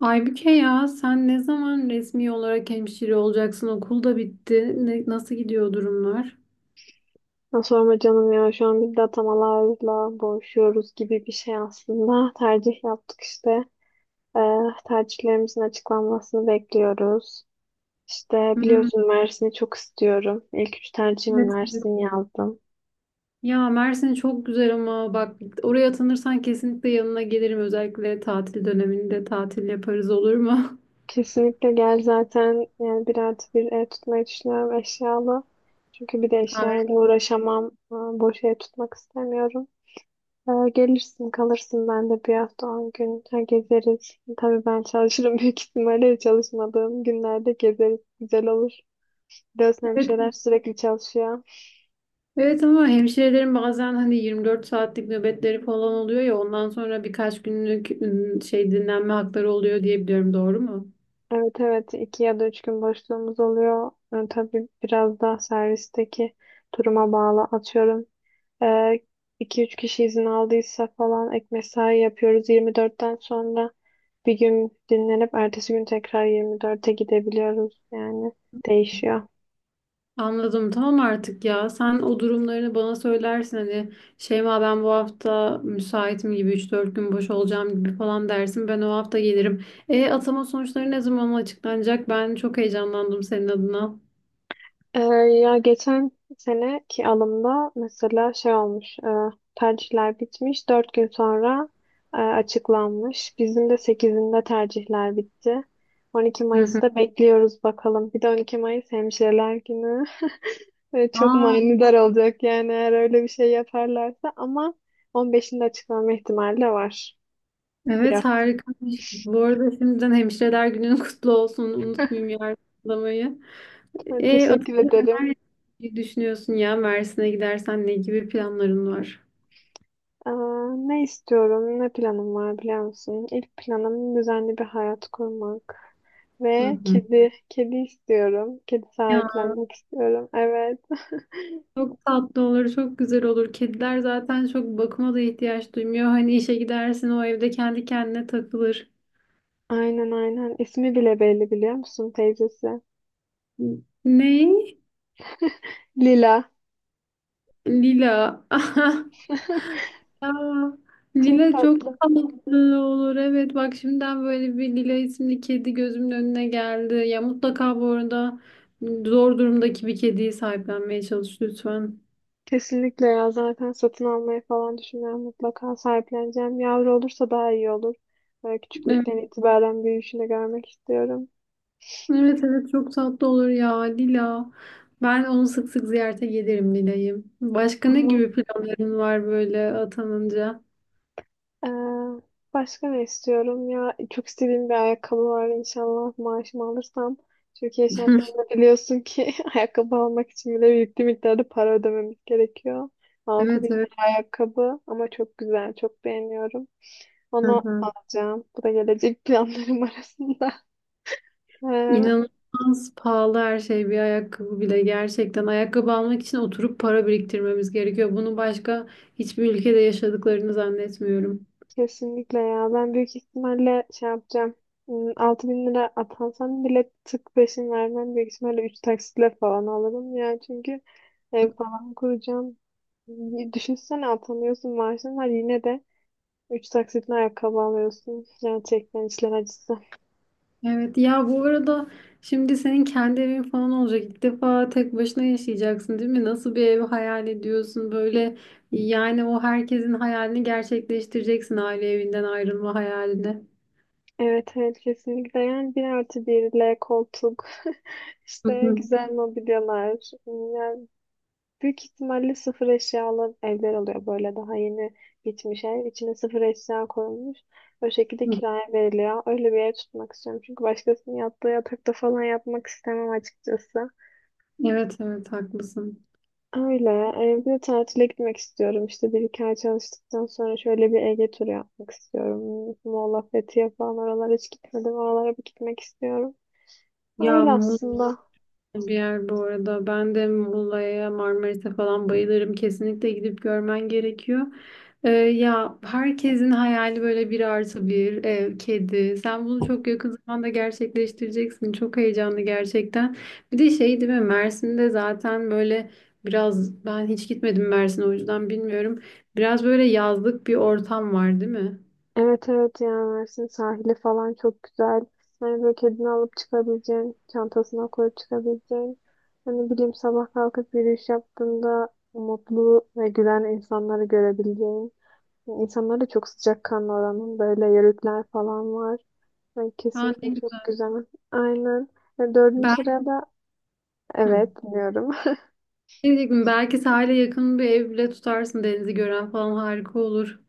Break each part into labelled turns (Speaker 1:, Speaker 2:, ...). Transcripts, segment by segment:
Speaker 1: Aybüke, ya sen ne zaman resmi olarak hemşire olacaksın? Okul da bitti. Nasıl gidiyor durumlar?
Speaker 2: Ya sorma canım ya, şu an biz de atamalarla boğuşuyoruz gibi bir şey aslında. Tercih yaptık işte. Ee, tercihlerimizin açıklanmasını bekliyoruz. İşte
Speaker 1: Hmm,
Speaker 2: biliyorsun, Mersin'i çok istiyorum. İlk üç tercihime
Speaker 1: evet, evet.
Speaker 2: Mersin yazdım.
Speaker 1: Ya Mersin çok güzel ama bak, oraya atanırsan kesinlikle yanına gelirim. Özellikle tatil döneminde tatil yaparız, olur mu?
Speaker 2: Kesinlikle gel, zaten yani bir artı bir ev tutmayı düşünüyorum, eşyalı. Çünkü bir de eşyayla
Speaker 1: Harika.
Speaker 2: uğraşamam. Boş ev tutmak istemiyorum. Gelirsin, kalırsın, ben de 1 hafta 10 gün gezeriz. Tabii ben çalışırım büyük ihtimalle çalışmadığım günlerde gezeriz. Güzel olur. Biliyorsun,
Speaker 1: Evet,
Speaker 2: hemşireler sürekli çalışıyor.
Speaker 1: evet ama hemşirelerin bazen hani 24 saatlik nöbetleri falan oluyor ya, ondan sonra birkaç günlük ım, şey dinlenme hakları oluyor diye biliyorum, doğru mu?
Speaker 2: Evet, evet, 2 ya da 3 gün boşluğumuz oluyor. Tabii biraz da servisteki duruma bağlı, atıyorum. Ee, iki üç kişi izin aldıysa falan ek mesai yapıyoruz. 24'ten sonra bir gün dinlenip ertesi gün tekrar 24'e gidebiliyoruz. Yani değişiyor.
Speaker 1: Anladım. Tamam artık ya. Sen o durumlarını bana söylersin. Hani Şeyma, ben bu hafta müsaitim gibi, üç dört gün boş olacağım gibi falan dersin. Ben o hafta gelirim. E atama sonuçları ne zaman açıklanacak? Ben çok heyecanlandım senin adına.
Speaker 2: Ee, ya geçen seneki alımda mesela şey olmuş, tercihler bitmiş, 4 gün sonra açıklanmış. Bizim de 8'inde tercihler bitti. on iki
Speaker 1: Hı hı.
Speaker 2: Mayıs'ta bekliyoruz bakalım. Bir de 12 Mayıs Hemşireler Günü. Çok
Speaker 1: Aa,
Speaker 2: manidar olacak yani, eğer öyle bir şey yaparlarsa, ama 15'inde açıklanma ihtimali de var, bir
Speaker 1: evet,
Speaker 2: hafta.
Speaker 1: harikaymış. Bu arada şimdiden hemşireler günün kutlu olsun. Unutmayayım yardımlamayı. E
Speaker 2: Teşekkür
Speaker 1: atama
Speaker 2: ederim.
Speaker 1: neler düşünüyorsun ya? Mersin'e gidersen ne gibi planların var?
Speaker 2: Aa, ne istiyorum, ne planım var biliyor musun? İlk planım düzenli bir hayat kurmak
Speaker 1: Hı
Speaker 2: ve
Speaker 1: hı.
Speaker 2: kedi, kedi istiyorum. Kedi sahiplenmek istiyorum. Evet,
Speaker 1: Çok tatlı olur, çok güzel olur. Kediler zaten çok bakıma da ihtiyaç duymuyor. Hani işe gidersin, o evde kendi kendine takılır.
Speaker 2: aynen aynen. İsmi bile belli, biliyor musun teyzesi?
Speaker 1: Ne?
Speaker 2: Lila.
Speaker 1: Lila. Aa,
Speaker 2: Çok
Speaker 1: Lila çok
Speaker 2: tatlı.
Speaker 1: tatlı olur. Evet, bak şimdiden böyle bir Lila isimli kedi gözümün önüne geldi. Ya mutlaka bu arada zor durumdaki bir kediyi sahiplenmeye çalış lütfen.
Speaker 2: Kesinlikle ya, zaten satın almayı falan düşünüyorum. Mutlaka sahipleneceğim. Yavru olursa daha iyi olur. Böyle
Speaker 1: Evet.
Speaker 2: küçüklükten itibaren büyüyüşünü görmek istiyorum.
Speaker 1: Evet, evet, çok tatlı olur ya Lila. Ben onu sık sık ziyarete gelirim, Lila'yı. Başka ne
Speaker 2: Ama
Speaker 1: gibi planların var böyle atanınca?
Speaker 2: Ee, başka ne istiyorum ya? Çok istediğim bir ayakkabı var, inşallah maaşımı alırsam. Türkiye şartlarında biliyorsun ki ayakkabı almak için bile yüklü miktarda para ödememiz gerekiyor.
Speaker 1: Evet,
Speaker 2: 6000
Speaker 1: evet.
Speaker 2: lira ayakkabı, ama çok güzel, çok beğeniyorum.
Speaker 1: Hı
Speaker 2: Onu
Speaker 1: hı.
Speaker 2: alacağım. Bu da gelecek planlarım arasında. Ee,
Speaker 1: İnanılmaz pahalı her şey, bir ayakkabı bile gerçekten. Ayakkabı almak için oturup para biriktirmemiz gerekiyor. Bunu başka hiçbir ülkede yaşadıklarını zannetmiyorum.
Speaker 2: Kesinlikle ya. Ben büyük ihtimalle şey yapacağım. Altı bin lira atansam bile tık peşin vermem. Büyük ihtimalle 3 taksitle falan alırım ya. Çünkü ev falan kuracağım. Düşünsene, atamıyorsun, maaşın var, yine de 3 taksitle ayakkabı alıyorsun. Gerçekten işler acısı.
Speaker 1: Evet ya, bu arada şimdi senin kendi evin falan olacak. İlk defa tek başına yaşayacaksın, değil mi? Nasıl bir ev hayal ediyorsun böyle? Yani o herkesin hayalini gerçekleştireceksin, aile evinden ayrılma hayalini.
Speaker 2: Evet, evet, kesinlikle. Yani 1+1'le koltuk,
Speaker 1: Hı
Speaker 2: işte
Speaker 1: hı,
Speaker 2: güzel mobilyalar. Yani büyük ihtimalle sıfır eşyalı evler oluyor, böyle daha yeni bitmiş ev. İçine sıfır eşya koyulmuş. O şekilde
Speaker 1: hı.
Speaker 2: kiraya veriliyor. Öyle bir ev tutmak istiyorum. Çünkü başkasının yattığı yatakta falan yapmak istemem, açıkçası.
Speaker 1: Evet, evet, haklısın.
Speaker 2: Öyle. Bir de tatile gitmek istiyorum. İşte 1-2 ay çalıştıktan sonra şöyle bir Ege turu yapmak istiyorum. Muğla, Fethiye falan, oralara hiç gitmedim. Oralara bir gitmek istiyorum.
Speaker 1: Ya
Speaker 2: Öyle aslında.
Speaker 1: bir yer bu arada. Ben de Muğla'ya, Marmaris'e falan bayılırım. Kesinlikle gidip görmen gerekiyor. Ya herkesin hayali böyle bir artı bir ev, kedi. Sen bunu çok yakın zamanda gerçekleştireceksin. Çok heyecanlı gerçekten. Bir de şey değil mi? Mersin'de zaten böyle biraz, ben hiç gitmedim Mersin'e, o yüzden bilmiyorum. Biraz böyle yazlık bir ortam var değil mi?
Speaker 2: Evet, evet, yani Mersin sahili falan çok güzel. Hani böyle kedini alıp çıkabileceğin, çantasına koyup çıkabileceğin. Hani bileyim, sabah kalkıp yürüyüş yaptığında mutlu ve gülen insanları görebileceğin. Yani insanlar da çok sıcakkanlı oranın, böyle yörükler falan var. Yani
Speaker 1: Aa, ne
Speaker 2: kesinlikle çok
Speaker 1: güzel.
Speaker 2: güzel. Aynen. Ve dördüncü
Speaker 1: Ben.
Speaker 2: sıraya da
Speaker 1: Hı.
Speaker 2: evet diyorum.
Speaker 1: Ne diyecektim? Belki sahile yakın bir ev bile tutarsın. Denizi gören falan harika olur.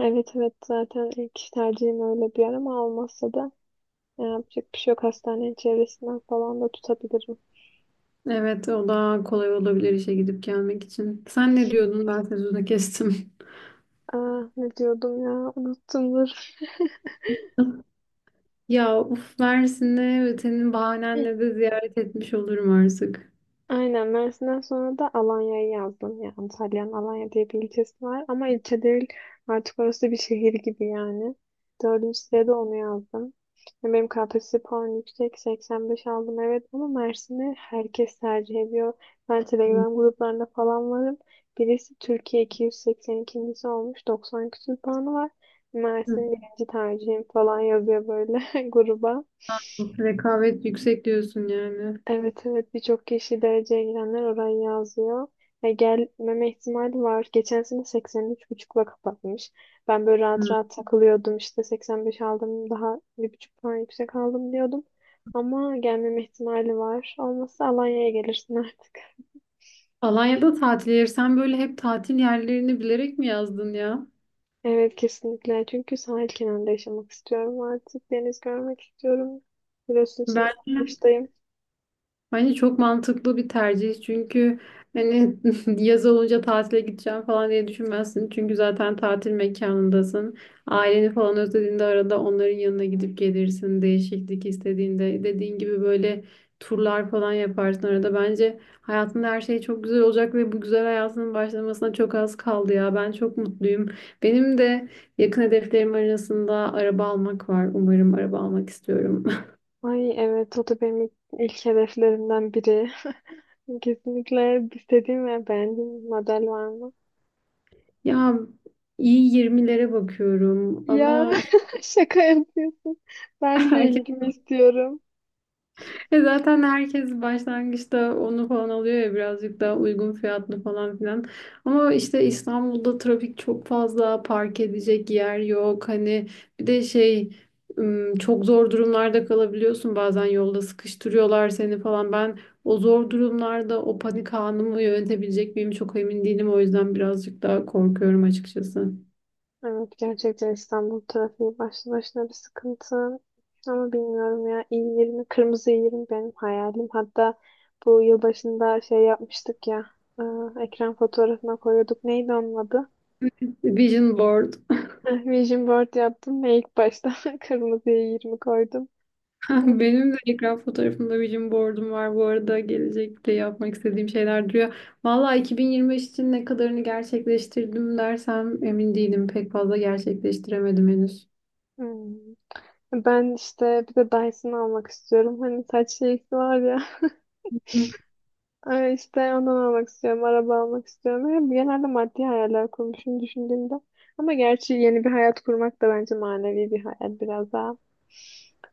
Speaker 2: Evet, evet, zaten ilk tercihim öyle bir yer, ama olmazsa da yapacak bir şey yok. Hastanenin çevresinden falan da tutabilirim.
Speaker 1: Evet, o daha kolay olabilir işe gidip gelmek için. Sen ne diyordun? Ben sözünü kestim.
Speaker 2: Aa, ne diyordum ya, unuttumdur.
Speaker 1: Ya uf, Mersin'e senin bahanenle de ziyaret etmiş olurum artık.
Speaker 2: Aynen, Mersin'den sonra da Alanya'yı yazdım. Ya Antalya'nın Alanya diye bir ilçesi var, ama ilçe değil artık orası, bir şehir gibi yani. Dördüncü sırada onu yazdım. Ya benim KPSS puanım yüksek, 85 aldım evet, ama Mersin'i herkes tercih ediyor. Ben
Speaker 1: Hı.
Speaker 2: Telegram gruplarında falan varım. Birisi Türkiye 282.si olmuş, 90 küsur puanı var. Mersin birinci tercihim falan yazıyor böyle gruba.
Speaker 1: Rekabet yüksek diyorsun yani.
Speaker 2: Evet, evet, birçok kişi, dereceye girenler orayı yazıyor. Gelmeme ihtimali var. Geçen sene 83,5'le kapatmış. Ben böyle rahat
Speaker 1: Hı.
Speaker 2: rahat takılıyordum, işte 85 aldım, daha 1,5 puan yüksek aldım diyordum. Ama gelmeme ihtimali var. Olmazsa Alanya'ya gelirsin artık.
Speaker 1: Alanya'da tatil yeri. Sen böyle hep tatil yerlerini bilerek mi yazdın ya?
Speaker 2: Evet, kesinlikle, çünkü sahil kenarında yaşamak istiyorum artık. Deniz görmek istiyorum. Biliyorsun, şimdi
Speaker 1: Ben.
Speaker 2: arkadaştayım.
Speaker 1: Bence çok mantıklı bir tercih, çünkü hani yaz olunca tatile gideceğim falan diye düşünmezsin. Çünkü zaten tatil mekanındasın. Aileni falan özlediğinde arada onların yanına gidip gelirsin. Değişiklik istediğinde dediğin gibi böyle turlar falan yaparsın arada. Bence hayatında her şey çok güzel olacak ve bu güzel hayatının başlamasına çok az kaldı ya. Ben çok mutluyum. Benim de yakın hedeflerim arasında araba almak var. Umarım, araba almak istiyorum.
Speaker 2: Ay, evet, o da benim ilk hedeflerimden biri. Kesinlikle istediğim ve beğendiğim bir model var mı?
Speaker 1: Ya iyi, yirmilere bakıyorum
Speaker 2: Ya,
Speaker 1: ama işte
Speaker 2: şaka yapıyorsun. Ben de
Speaker 1: herkes,
Speaker 2: ilgimi istiyorum.
Speaker 1: e zaten herkes başlangıçta onu falan alıyor ya, birazcık daha uygun fiyatlı falan filan. Ama işte İstanbul'da trafik çok fazla, park edecek yer yok. Hani bir de çok zor durumlarda kalabiliyorsun bazen, yolda sıkıştırıyorlar seni falan. Ben o zor durumlarda o panik anımı yönetebilecek miyim çok emin değilim. O yüzden birazcık daha korkuyorum açıkçası.
Speaker 2: Evet, gerçekten İstanbul trafiği başlı başına bir sıkıntı. Ama bilmiyorum ya, i20, kırmızı i20 benim hayalim. Hatta bu yılbaşında şey yapmıştık ya, e, ekran fotoğrafına koyuyorduk. Neydi onun adı?
Speaker 1: Vision board.
Speaker 2: Heh, Vision board yaptım ve ilk başta kırmızı i20 koydum.
Speaker 1: Ah, benim de ekran fotoğrafımda vision board'um var. Bu arada gelecekte yapmak istediğim şeyler duruyor. Valla 2025 için ne kadarını gerçekleştirdim dersem emin değilim. Pek fazla gerçekleştiremedim henüz.
Speaker 2: Hmm. Ben işte bir de Dyson almak istiyorum. Hani saç şeysi var ya. Ay, işte ondan almak istiyorum. Araba almak istiyorum. Yani genelde maddi hayaller kurmuşum düşündüğümde. Ama gerçi yeni bir hayat kurmak da bence manevi bir hayal biraz daha.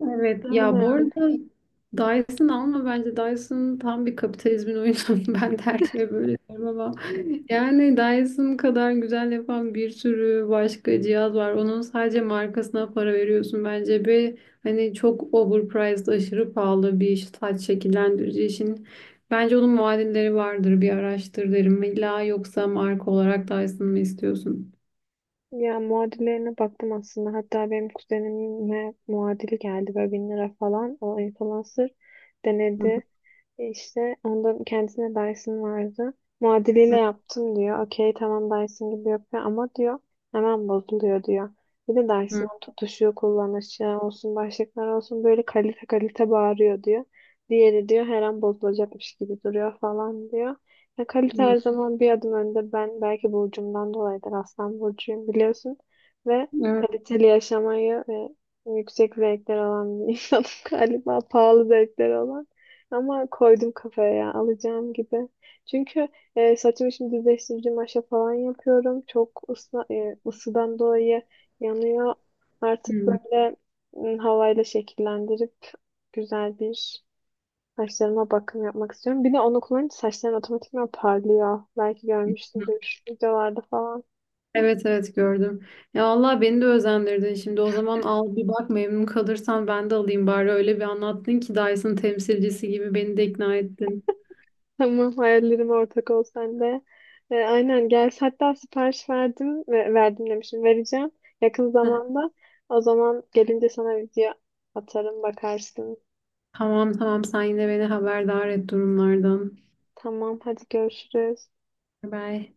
Speaker 1: Evet ya, bu
Speaker 2: Aynen.
Speaker 1: arada Dyson alma, bence Dyson tam bir kapitalizmin oyunu. Ben de her şeye böyle diyorum ama yani Dyson kadar güzel yapan bir sürü başka cihaz var. Onun sadece markasına para veriyorsun bence ve hani çok overpriced, aşırı pahalı bir saç şekillendirici için. Bence onun muadilleri vardır, bir araştır derim. İlla yoksa marka olarak Dyson mı istiyorsun?
Speaker 2: Ya muadillerine baktım aslında. Hatta benim kuzenime muadili geldi, böyle 1.000 lira falan. O influencer
Speaker 1: Hı
Speaker 2: denedi. İşte ondan, kendisine Dyson vardı. Muadiliyle
Speaker 1: hı
Speaker 2: yaptım diyor. Okey, tamam, Dyson gibi yapıyor ama, diyor, hemen bozuluyor diyor. Bir de
Speaker 1: hı.
Speaker 2: Dyson'ın tutuşu kullanışı olsun, başlıklar olsun, böyle kalite kalite bağırıyor diyor. Diğeri diyor her an bozulacakmış gibi duruyor falan diyor. Ya kalite her
Speaker 1: Hı.
Speaker 2: zaman bir adım önde. Ben belki burcumdan dolayıdır, Aslan burcuyum biliyorsun. Ve
Speaker 1: Evet.
Speaker 2: kaliteli yaşamayı ve yüksek zevkler olan bir insanım galiba. Pahalı zevkler olan. Ama koydum kafaya, ya alacağım gibi. Çünkü saçımı şimdi düzleştirici maşa falan yapıyorum. Çok ısıdan dolayı yanıyor. Artık
Speaker 1: Hı.
Speaker 2: böyle havayla şekillendirip güzel bir saçlarıma bakım yapmak istiyorum. Bir de onu kullanınca saçlarım otomatikman parlıyor. Belki görmüşsündür videolarda falan.
Speaker 1: Evet, evet, gördüm. Ya Allah, beni de özendirdin. Şimdi o zaman al bir bak, memnun kalırsan ben de alayım bari. Öyle bir anlattın ki Dyson temsilcisi gibi beni de ikna ettin.
Speaker 2: Tamam, hayallerime ortak ol sen de. Aynen gel. Hatta sipariş verdim ve verdim demişim. Vereceğim yakın
Speaker 1: Heh,
Speaker 2: zamanda. O zaman gelince sana video atarım, bakarsın.
Speaker 1: tamam, tamam, sen yine beni haberdar et durumlardan.
Speaker 2: Tamam, hadi görüşürüz.
Speaker 1: Bye.